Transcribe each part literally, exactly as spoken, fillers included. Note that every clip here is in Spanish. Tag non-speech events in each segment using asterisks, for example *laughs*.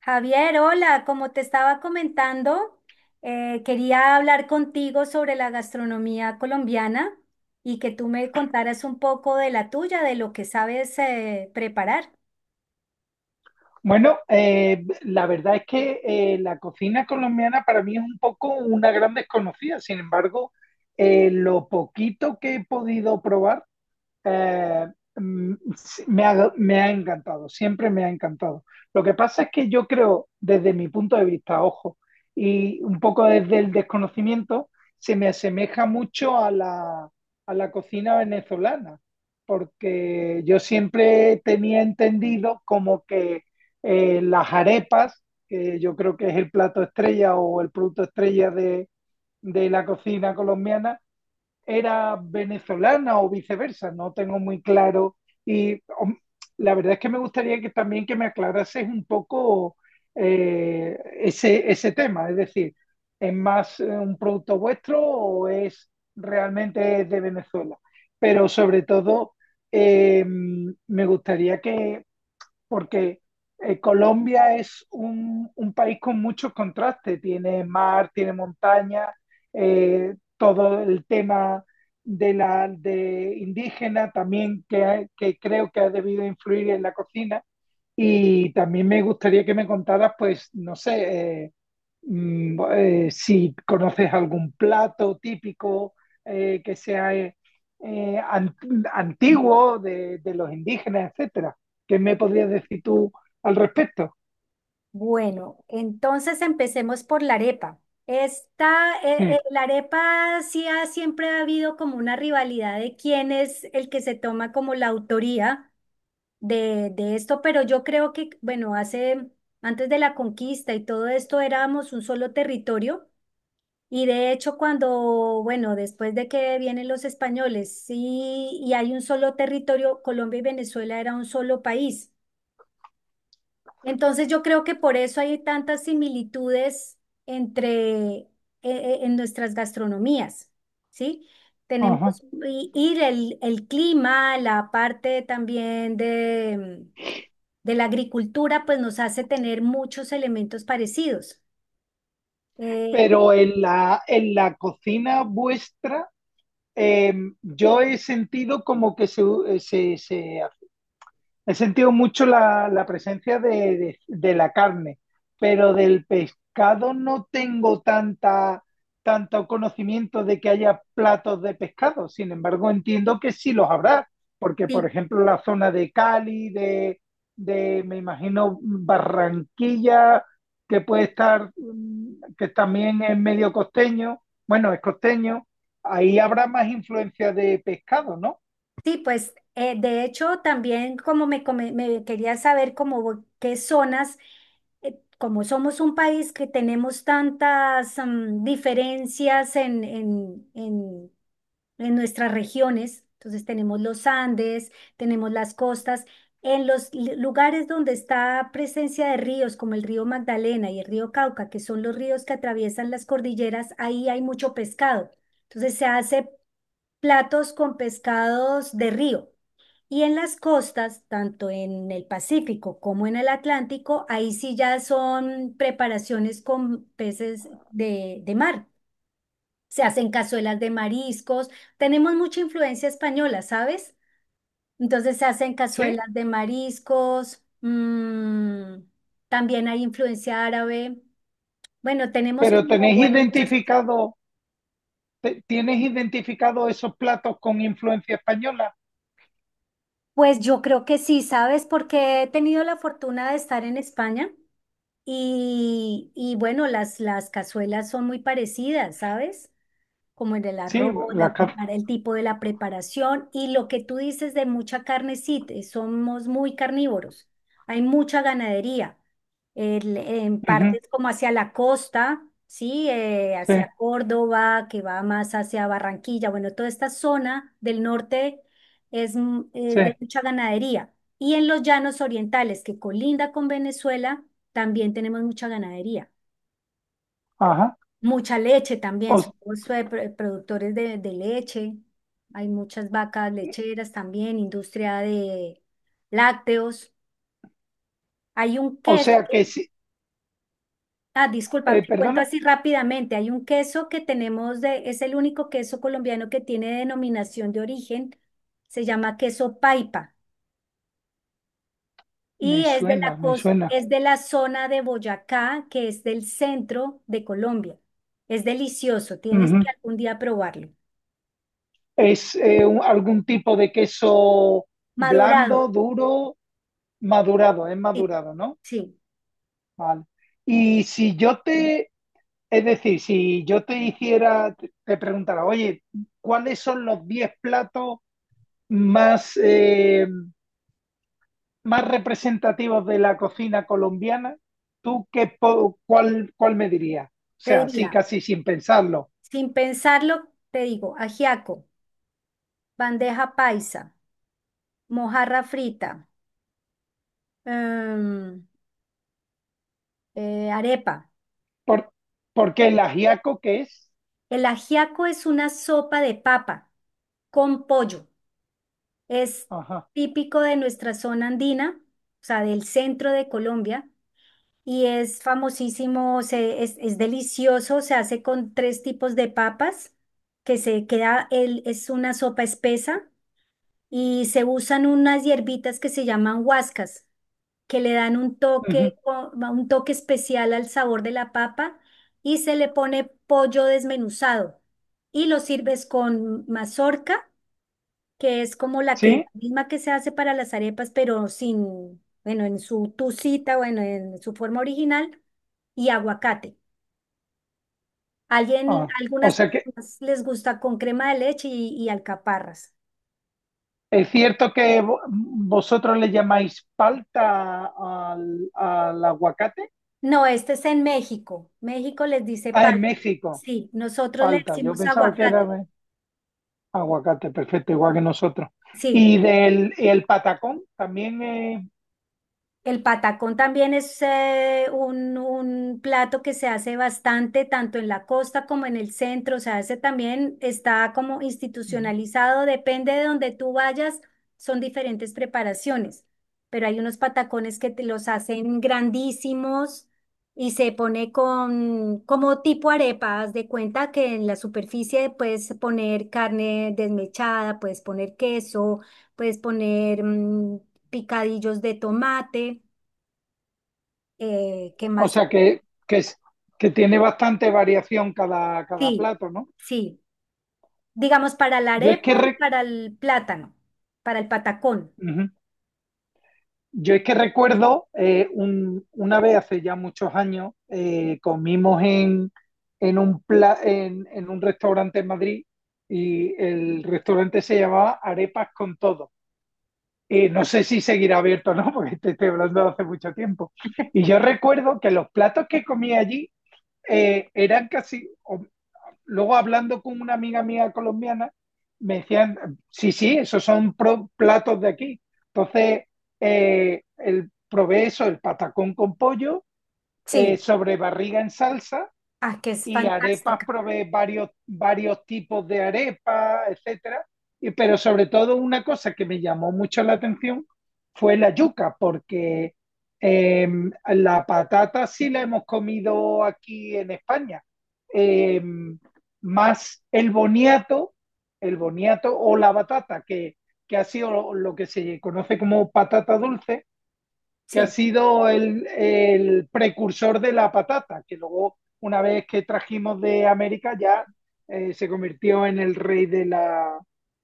Javier, hola, como te estaba comentando, eh, quería hablar contigo sobre la gastronomía colombiana y que tú me contaras un poco de la tuya, de lo que sabes eh, preparar. Bueno, eh, la verdad es que eh, la cocina colombiana para mí es un poco una gran desconocida. Sin embargo, eh, lo poquito que he podido probar eh, mm, sí, me, ha, me ha encantado, siempre me ha encantado. Lo que pasa es que yo creo, desde mi punto de vista, ojo, y un poco desde el desconocimiento, se me asemeja mucho a la, a la cocina venezolana, porque yo siempre tenía entendido como que eh, las arepas, que yo creo que es el plato estrella o el producto estrella de, de la cocina colombiana, era venezolana o viceversa, no tengo muy claro. Y hom, la verdad es que me gustaría que también que me aclarases un poco eh, ese, ese tema, es decir, ¿es más eh, un producto vuestro o es realmente de Venezuela? Pero sobre todo, eh, me gustaría que porque eh, Colombia es un, un país con muchos contrastes, tiene mar, tiene montaña, eh, todo el tema de la de indígena también que, ha- que creo que ha debido influir en la cocina. Y también me gustaría que me contaras, pues, no sé, eh, Mm, bo- eh, si conoces algún plato típico eh, que sea eh, eh, ant- antiguo de, de los indígenas, etcétera. ¿Qué me podrías decir tú al respecto? Bueno, entonces empecemos por la arepa. Esta, eh, eh, Sí, La arepa sí ha- siempre ha habido como una rivalidad de quién es el que se toma como la autoría de, de esto, pero yo creo que, bueno, hace, antes de la conquista y todo esto éramos un solo territorio. Y de hecho, cuando, bueno, después de que vienen los españoles, sí, y hay un solo territorio, Colombia y Venezuela era un solo país. Entonces yo creo que por eso hay tantas similitudes entre, eh, eh, en nuestras gastronomías, ¿sí? ajá. Tenemos y, y el, el clima, la parte también de, de la agricultura, pues nos hace tener muchos elementos parecidos. Eh, Pero en la, en la cocina vuestra, eh, yo he sentido como que se, eh, se, se he sentido mucho la, la presencia de, de- de la carne, pero del pescado no tengo tanta, tanto conocimiento de que haya platos de pescado. Sin embargo, entiendo que sí los habrá, porque por sí. ejemplo la zona de Cali, de, de me imagino Barranquilla, que puede estar, mm, que también es medio costeño, bueno, es costeño, ahí habrá más influencia de pescado, ¿no? Sí, pues eh, de hecho también como me, come- me quería saber como qué zonas, eh, como somos un país que tenemos tantas mm, diferencias en, en, en, en nuestras regiones. Entonces tenemos los Andes, tenemos las costas, en los li- lugares donde está presencia de ríos como el río Magdalena y el río Cauca, que son los ríos que atraviesan las cordilleras, ahí hay mucho pescado. Entonces se hace platos con pescados de río. Y en las costas, tanto en el Pacífico como en el Atlántico, ahí sí ya son preparaciones con peces de, de mar. Se hacen cazuelas de mariscos. Tenemos mucha influencia española, ¿sabes? Entonces se hacen Sí, cazuelas de mariscos. Mm, también hay influencia árabe. Bueno, tenemos pero como, tenéis bueno, muchas cosas. identificado... ¿Te- Tienes identificado esos platos con influencia española? Pues yo creo que sí, ¿sabes? Porque he tenido la fortuna de estar en España. Y, y bueno, las, las cazuelas son muy parecidas, ¿sabes? Como en el Sí, arroz, la la carta. prepara, el tipo de la preparación y lo que tú dices de mucha carne, sí, te- somos muy carnívoros. Hay mucha ganadería, el- en partes como hacia la costa, sí, eh, Sí, hacia Córdoba, que va más hacia Barranquilla, bueno, toda esta zona del norte es, m- es sí, de mucha ganadería. Y en los llanos orientales, que colinda con Venezuela, también tenemos mucha ganadería. ajá. Mucha leche O, también, somos eh, pro- productores de, de leche. Hay muchas vacas lecheras también, industria de lácteos. Hay un o queso, sea que sí, ah, disculpa, eh, te cuento perdona, así rápidamente. Hay un queso que tenemos de, es el único queso colombiano que tiene denominación de origen. Se llama queso Paipa me y es de la suena, me cos- suena. es de la zona de Boyacá, que es del centro de Colombia. Es delicioso, tienes Ujú. que algún día probarlo. ¿Es eh, un- algún tipo de queso Madurado, blando, duro, madurado? Es sí, madurado, ¿no? sí, Vale. Y si yo te, es decir, si yo te hiciera, te preguntara, oye, ¿cuáles son los diez platos más... eh, más representativos de la cocina colombiana, ¿tú qué, po- cuál, cuál me dirías? O te sea, sí, diría, casi sin pensarlo. sin pensarlo, te digo, ajiaco, bandeja paisa, mojarra frita, em, eh, arepa. Por, porque el ajiaco que es. El ajiaco es una sopa de papa con pollo. Es Ajá. típico de nuestra zona andina, o sea, del centro de Colombia, y es famosísimo, se- es, es delicioso, se hace con tres tipos de papas, que se queda, el, es una sopa espesa y se usan unas hierbitas que se llaman huascas, que le dan un Ujú. toque, o- un toque especial al sabor de la papa, y se le pone pollo desmenuzado y lo sirves con mazorca, que es como la que, ¿Sí? la misma que se hace para las arepas, pero sin, bueno, en su tucita, bueno, en su forma original, y aguacate. Alguien, Ah, o algunas sea que personas les gusta con crema de leche y, y alcaparras. es cierto que vo- vosotros le llamáis palta al, al aguacate. No, este es en México. México les dice Ah, en palta. México, Sí, nosotros le palta. Yo decimos pensaba que era aguacate. de aguacate, perfecto, igual que nosotros. Sí, Y del y el patacón también el patacón también es eh, un, un plato que se hace bastante, tanto en la costa como en el centro. O sea, ese también está como es. institucionalizado, depende de donde tú vayas, son diferentes preparaciones. Pero hay unos patacones que te los hacen grandísimos y se pone con como tipo arepa. Haz de cuenta que en la superficie puedes poner carne desmechada, puedes poner queso, puedes poner mm, picadillos de tomate, eh, ¿qué O más? sea que, que, es- que tiene bastante variación cada, cada Sí, plato, ¿no? sí, digamos para la Yo es que, arepa y re- para el plátano, para el patacón. Ujú. Yo es que recuerdo eh, un- una vez hace ya muchos años, eh, comimos en, en, un pla- en, en un restaurante en Madrid y el restaurante se llamaba Arepas con Todo. Eh, no sé si seguirá abierto o no, *laughs* porque te estoy hablando de hace mucho tiempo. Y yo recuerdo que los platos que comía allí eh, eran casi, o luego hablando con una amiga mía colombiana, me decían, sí, sí, esos son pro- platos de aquí. Entonces, eh, el, probé eso, el patacón con pollo, eh, Sí, sobre barriga en salsa, ah, que es y arepas fantástica. provee varios, varios tipos de arepas, etcétera. Y, pero sobre todo una cosa que me llamó mucho la atención fue la yuca, porque eh, la patata sí la hemos comido aquí en España. Eh, más el boniato, el boniato o la batata, que, que ha sido lo que se conoce como patata dulce, que ha Sí, sido el, el precursor de la patata, que luego, una vez que trajimos de América, ya eh, se convirtió en el rey de la,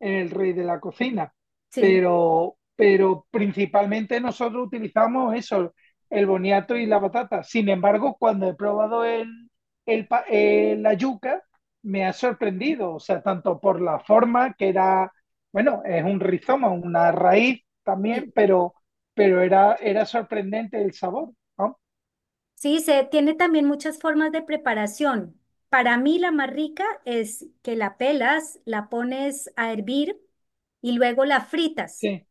en el rey de la cocina. sí, Pero, pero principalmente nosotros utilizamos eso, el boniato y la patata. Sin embargo, cuando he probado el, el, el, la yuca, me ha sorprendido, o sea, tanto por la forma que era, bueno, es un rizoma, una raíz también, sí. pero pero era, era sorprendente el sabor, ¿no? Sí, se tiene también muchas formas de preparación. Para mí la más rica es que la pelas, la pones a hervir y luego la fritas. Sí.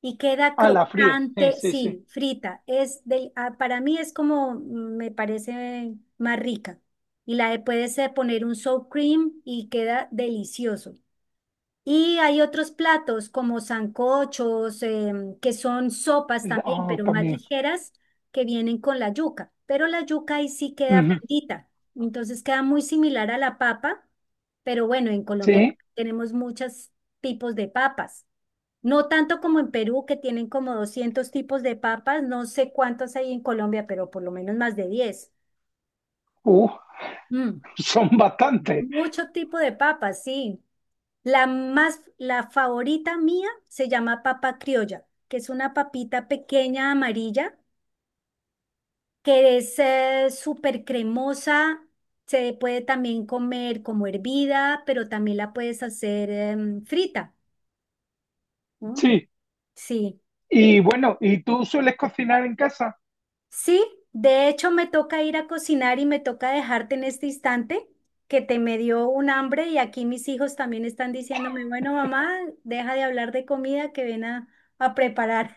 Y queda Ah, la fríes, sí, crocante, sí, sí. sí, frita. Es del, ah, para mí es como mm, me parece más rica. Y la de- puedes eh, poner un sour cream y queda delicioso. Y hay otros platos como sancochos, em, que son sopas también, Oh, pero más también. ligeras, que vienen con la yuca. Pero la yuca ahí sí queda Ujú. blandita. Entonces queda muy similar a la papa, pero bueno, en Colombia Sí, tenemos muchos tipos de papas. No tanto como en Perú, que tienen como doscientos tipos de papas. No sé cuántos hay en Colombia, pero por lo menos más de diez. uh, Mm, *laughs* son bastantes, mucho tipo de papas, sí. La más, la favorita mía se llama papa criolla, que es una papita pequeña amarilla, que es eh, súper cremosa. Se puede también comer como hervida, pero también la puedes hacer em, frita. ¿Mm? sí. Sí, Y bueno, ¿y tú sueles cocinar en casa? sí. De hecho, me toca ir a cocinar y me toca dejarte en este instante, que te me dio un hambre y aquí mis hijos también están diciéndome, bueno, mamá, deja de hablar de comida que ven a a preparar.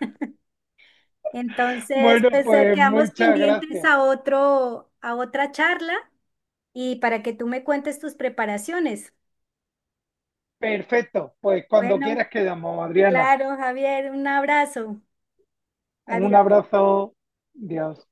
Entonces, Bueno, pues eh, pues quedamos muchas pendientes gracias. a otro, a otra charla y para que tú me cuentes tus preparaciones. Perfecto, pues cuando Bueno, quieras quedamos, Adriana. claro, Javier, un abrazo. Un Adiós. abrazo, Dios.